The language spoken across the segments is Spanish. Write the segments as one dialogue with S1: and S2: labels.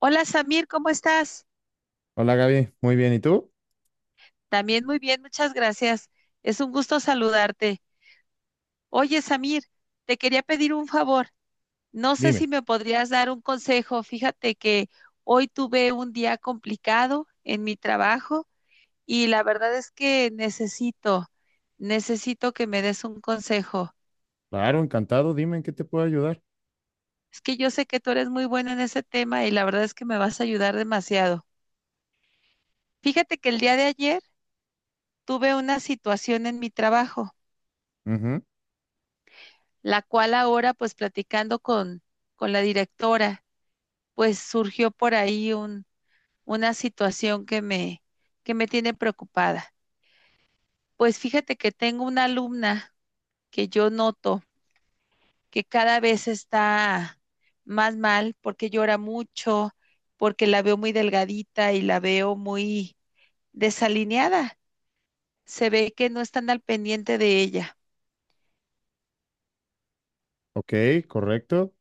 S1: Hola Samir, ¿cómo estás?
S2: Hola Gaby, muy bien. ¿Y tú?
S1: También muy bien, muchas gracias. Es un gusto saludarte. Oye Samir, te quería pedir un favor. No sé
S2: Dime.
S1: si me podrías dar un consejo. Fíjate que hoy tuve un día complicado en mi trabajo y la verdad es que necesito que me des un consejo.
S2: Claro, encantado. Dime en qué te puedo ayudar.
S1: Es que yo sé que tú eres muy bueno en ese tema y la verdad es que me vas a ayudar demasiado. Fíjate que el día de ayer tuve una situación en mi trabajo,
S2: Ujú.
S1: la cual ahora pues con la directora, pues surgió por ahí una situación que me tiene preocupada. Pues fíjate que tengo una alumna que yo noto que cada vez está más mal porque llora mucho, porque la veo muy delgadita y la veo muy desalineada. Se ve que no están al pendiente de ella.
S2: Ok, correcto.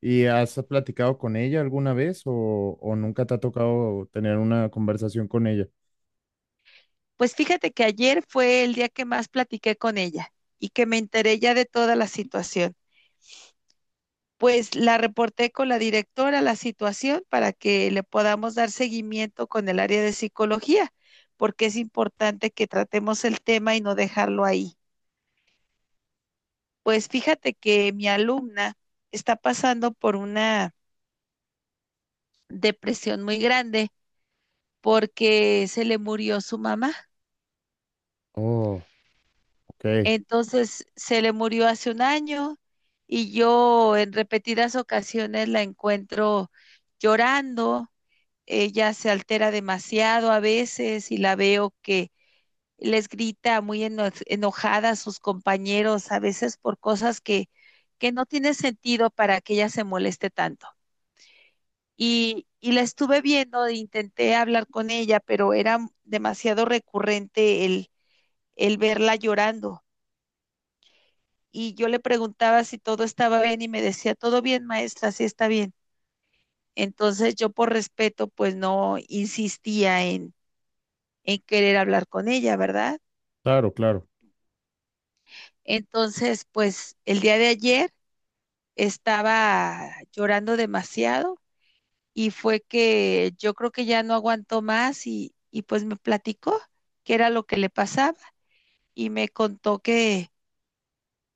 S2: ¿Y has platicado con ella alguna vez o nunca te ha tocado tener una conversación con ella?
S1: Pues fíjate que ayer fue el día que más platiqué con ella y que me enteré ya de toda la situación. Pues la reporté con la directora la situación para que le podamos dar seguimiento con el área de psicología, porque es importante que tratemos el tema y no dejarlo ahí. Pues fíjate que mi alumna está pasando por una depresión muy grande porque se le murió su mamá.
S2: Oh, ok.
S1: Entonces se le murió hace un año y yo en repetidas ocasiones la encuentro llorando. Ella se altera demasiado a veces y la veo que les grita muy enojada a sus compañeros, a veces por cosas que no tiene sentido para que ella se moleste tanto. Y la estuve viendo, e intenté hablar con ella, pero era demasiado recurrente el verla llorando. Y yo le preguntaba si todo estaba bien y me decía, todo bien, maestra, sí está bien. Entonces yo por respeto, pues no insistía en querer hablar con ella, ¿verdad?
S2: Claro, claro.
S1: Entonces, pues el día de ayer estaba llorando demasiado y fue que yo creo que ya no aguantó más y pues me platicó qué era lo que le pasaba y me contó que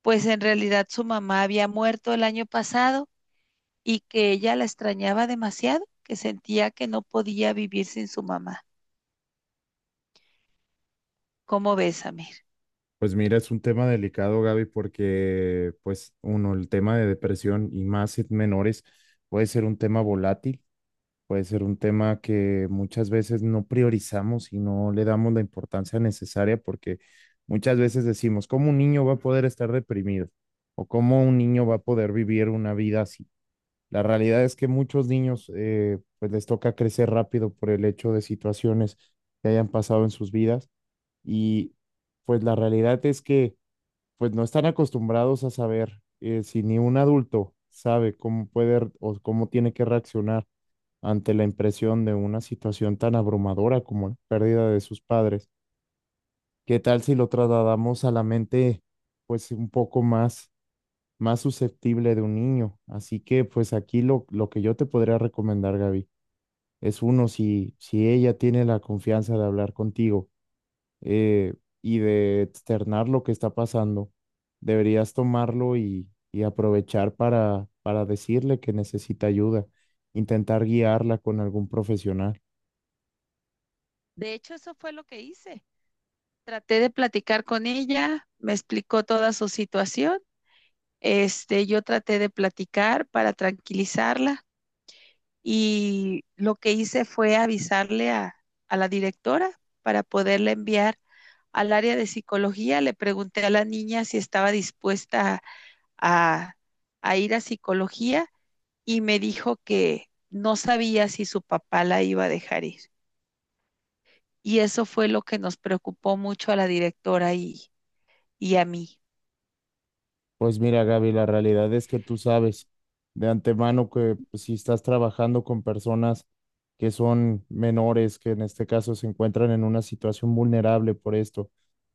S1: pues en realidad su mamá había muerto el año pasado y que ella la extrañaba demasiado, que sentía que no podía vivir sin su mamá. ¿Cómo ves, Amir?
S2: Pues mira, es un tema delicado, Gaby, porque pues uno, el tema de depresión y más en menores puede ser un tema volátil. Puede ser un tema que muchas veces no priorizamos y no le damos la importancia necesaria porque muchas veces decimos, ¿cómo un niño va a poder estar deprimido? ¿O cómo un niño va a poder vivir una vida así? La realidad es que muchos niños pues les toca crecer rápido por el hecho de situaciones que hayan pasado en sus vidas y pues la realidad es que pues no están acostumbrados a saber, si ni un adulto sabe cómo o cómo tiene que reaccionar ante la impresión de una situación tan abrumadora como la pérdida de sus padres. ¿Qué tal si lo trasladamos a la mente, pues un poco más, más susceptible de un niño? Así que, pues aquí lo que yo te podría recomendar, Gaby, es uno, si ella tiene la confianza de hablar contigo, eh, y de externar lo que está pasando. Deberías tomarlo y aprovechar para decirle que necesita ayuda, intentar guiarla con algún profesional.
S1: De hecho, eso fue lo que hice. Traté de platicar con ella, me explicó toda su situación. Este, yo traté de platicar para tranquilizarla y lo que hice fue a la directora para poderla enviar al área de psicología. Le pregunté a la niña si estaba dispuesta a, a ir a psicología y me dijo que no sabía si su papá la iba a dejar ir. Y eso fue lo que nos preocupó mucho a y a mí.
S2: Pues mira, Gaby, la realidad es que tú sabes de antemano que pues, si estás trabajando con personas que son menores, que en este caso se encuentran en una situación vulnerable por esto,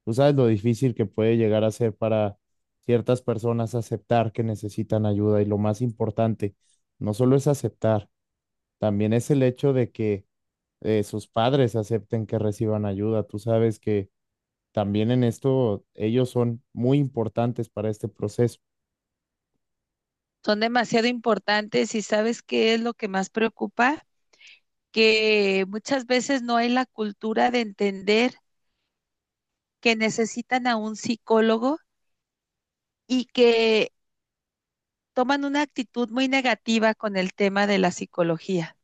S2: tú sabes lo difícil que puede llegar a ser para ciertas personas aceptar que necesitan ayuda y lo más importante, no solo es aceptar, también es el hecho de que, sus padres acepten que reciban ayuda. Tú sabes que también en esto ellos son muy importantes para este proceso.
S1: Son demasiado importantes y sabes qué es lo que más preocupa, que muchas veces no hay la cultura de entender que necesitan a un psicólogo y que toman una actitud muy negativa con el tema de la psicología.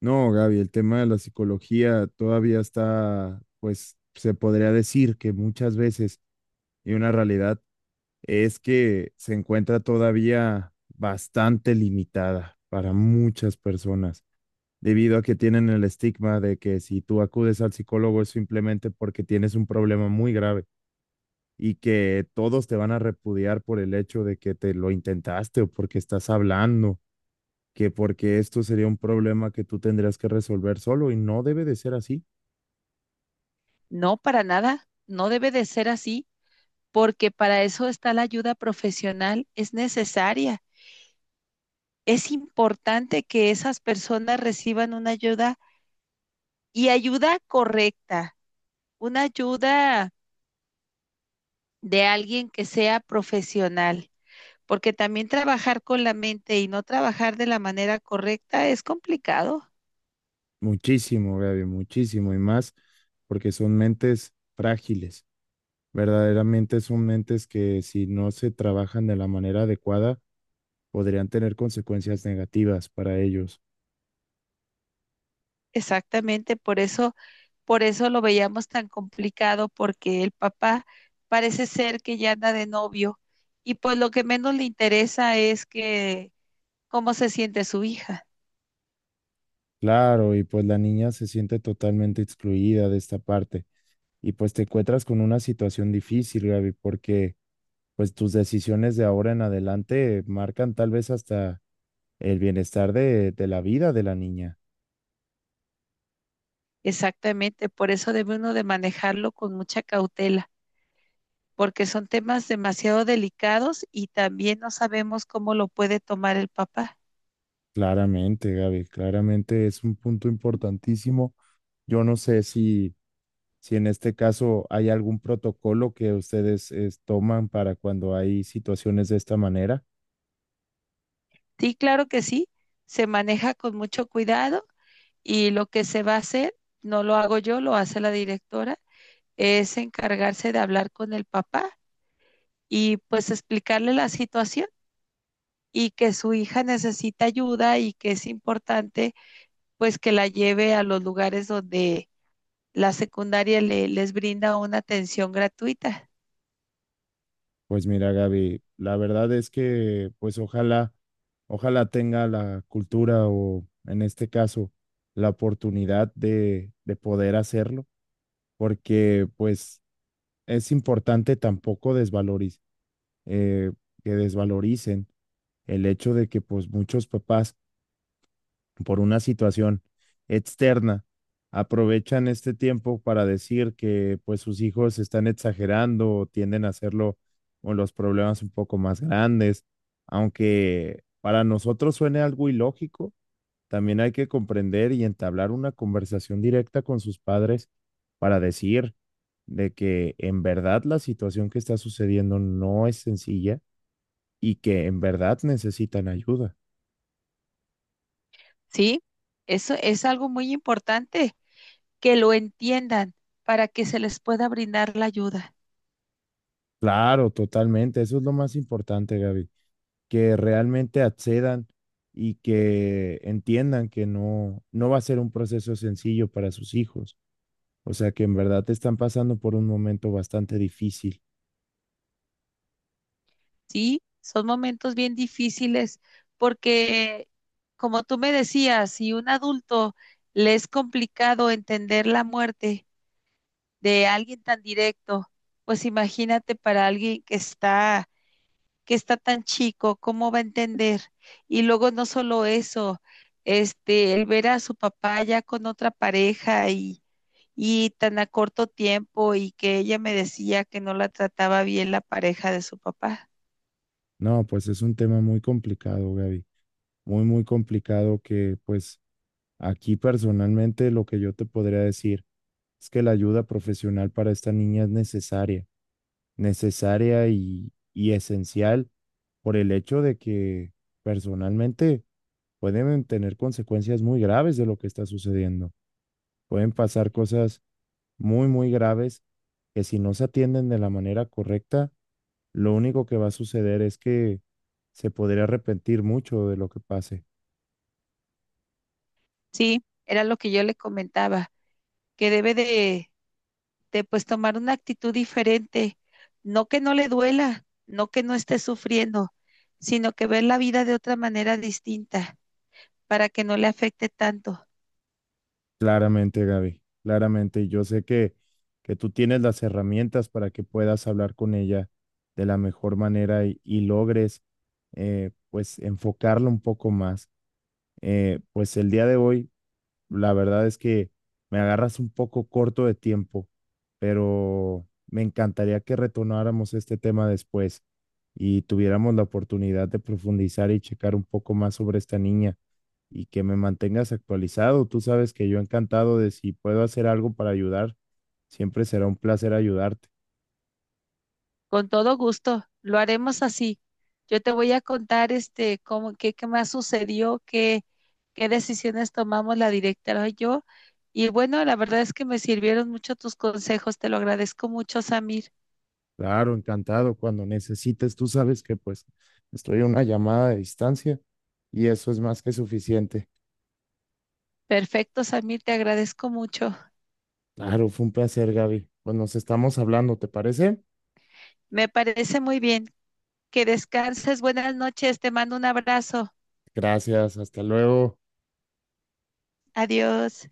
S2: No, Gaby, el tema de la psicología todavía está, pues se podría decir que muchas veces, y una realidad es que se encuentra todavía bastante limitada para muchas personas, debido a que tienen el estigma de que si tú acudes al psicólogo es simplemente porque tienes un problema muy grave y que todos te van a repudiar por el hecho de que te lo intentaste o porque estás hablando que porque esto sería un problema que tú tendrías que resolver solo y no debe de ser así.
S1: No, para nada, no debe de ser así, porque para eso está la ayuda profesional, es necesaria. Es importante que esas personas reciban una ayuda y ayuda correcta, una ayuda de alguien que sea profesional, porque también trabajar con la mente y no trabajar de la manera correcta es complicado.
S2: Muchísimo, Gaby, muchísimo y más porque son mentes frágiles. Verdaderamente son mentes que si no se trabajan de la manera adecuada podrían tener consecuencias negativas para ellos.
S1: Exactamente, por eso lo veíamos tan complicado, porque el papá parece ser que ya anda de novio y pues lo que menos le interesa es que cómo se siente su hija.
S2: Claro, y pues la niña se siente totalmente excluida de esta parte y pues te encuentras con una situación difícil, Gaby, porque pues tus decisiones de ahora en adelante marcan tal vez hasta el bienestar de la vida de la niña.
S1: Exactamente, por eso debe uno de manejarlo con mucha cautela, porque son temas demasiado delicados y también no sabemos cómo lo puede tomar el papá.
S2: Claramente, Gaby, claramente es un punto importantísimo. Yo no sé si en este caso hay algún protocolo que ustedes toman para cuando hay situaciones de esta manera.
S1: Sí, claro que sí, se maneja con mucho cuidado y lo que se va a hacer, no lo hago yo, lo hace la directora, es encargarse de hablar con el papá y pues explicarle la situación y que su hija necesita ayuda y que es importante pues que la lleve a los lugares donde la secundaria les brinda una atención gratuita.
S2: Pues mira, Gaby, la verdad es que pues ojalá, ojalá tenga la cultura o en este caso la oportunidad de poder hacerlo, porque pues es importante tampoco desvalorizar, eh, que desvaloricen el hecho de que pues muchos papás por una situación externa aprovechan este tiempo para decir que pues sus hijos están exagerando o tienden a hacerlo con los problemas un poco más grandes, aunque para nosotros suene algo ilógico, también hay que comprender y entablar una conversación directa con sus padres para decir de que en verdad la situación que está sucediendo no es sencilla y que en verdad necesitan ayuda.
S1: ¿Sí? Eso es algo muy importante, que lo entiendan para que se les pueda brindar la ayuda.
S2: Claro, totalmente. Eso es lo más importante, Gaby, que realmente accedan y que entiendan que no, no va a ser un proceso sencillo para sus hijos. O sea, que en verdad están pasando por un momento bastante difícil.
S1: ¿Sí? Son momentos bien difíciles porque, como tú me decías, si un adulto le es complicado entender la muerte, de alguien tan directo, pues imagínate para alguien que está tan chico, ¿cómo va a entender? Y luego no solo eso, este, el ver a su papá ya con otra pareja y tan a corto tiempo y que ella me decía que no la trataba bien la pareja de su papá.
S2: No, pues es un tema muy complicado, Gaby. Muy, muy complicado que pues aquí personalmente lo que yo te podría decir es que la ayuda profesional para esta niña es necesaria, necesaria y esencial por el hecho de que personalmente pueden tener consecuencias muy graves de lo que está sucediendo. Pueden pasar cosas muy, muy graves que si no se atienden de la manera correcta, lo único que va a suceder es que se podría arrepentir mucho de lo que pase.
S1: Sí, era lo que yo le comentaba, que debe de pues tomar una actitud diferente, no que no le duela, no que no esté sufriendo, sino que ver la vida de otra manera distinta para que no le afecte tanto.
S2: Claramente, Gaby, claramente. Y yo sé que tú tienes las herramientas para que puedas hablar con ella de la mejor manera y logres, pues, enfocarlo un poco más. Pues el día de hoy la verdad es que me agarras un poco corto de tiempo, pero me encantaría que retomáramos este tema después y tuviéramos la oportunidad de profundizar y checar un poco más sobre esta niña y que me mantengas actualizado. Tú sabes que yo encantado de si puedo hacer algo para ayudar, siempre será un placer ayudarte.
S1: Con todo gusto, lo haremos así. Yo te voy a contar este cómo qué más sucedió, qué decisiones tomamos la directora y yo. Y bueno, la verdad es que me sirvieron mucho tus consejos, te lo agradezco mucho, Samir.
S2: Claro, encantado. Cuando necesites, tú sabes que pues estoy a una llamada de distancia y eso es más que suficiente.
S1: Perfecto, Samir, te agradezco mucho.
S2: Claro, fue un placer, Gaby. Pues nos estamos hablando, ¿te parece?
S1: Me parece muy bien. Que descanses. Buenas noches, te mando un abrazo.
S2: Gracias, hasta luego.
S1: Adiós.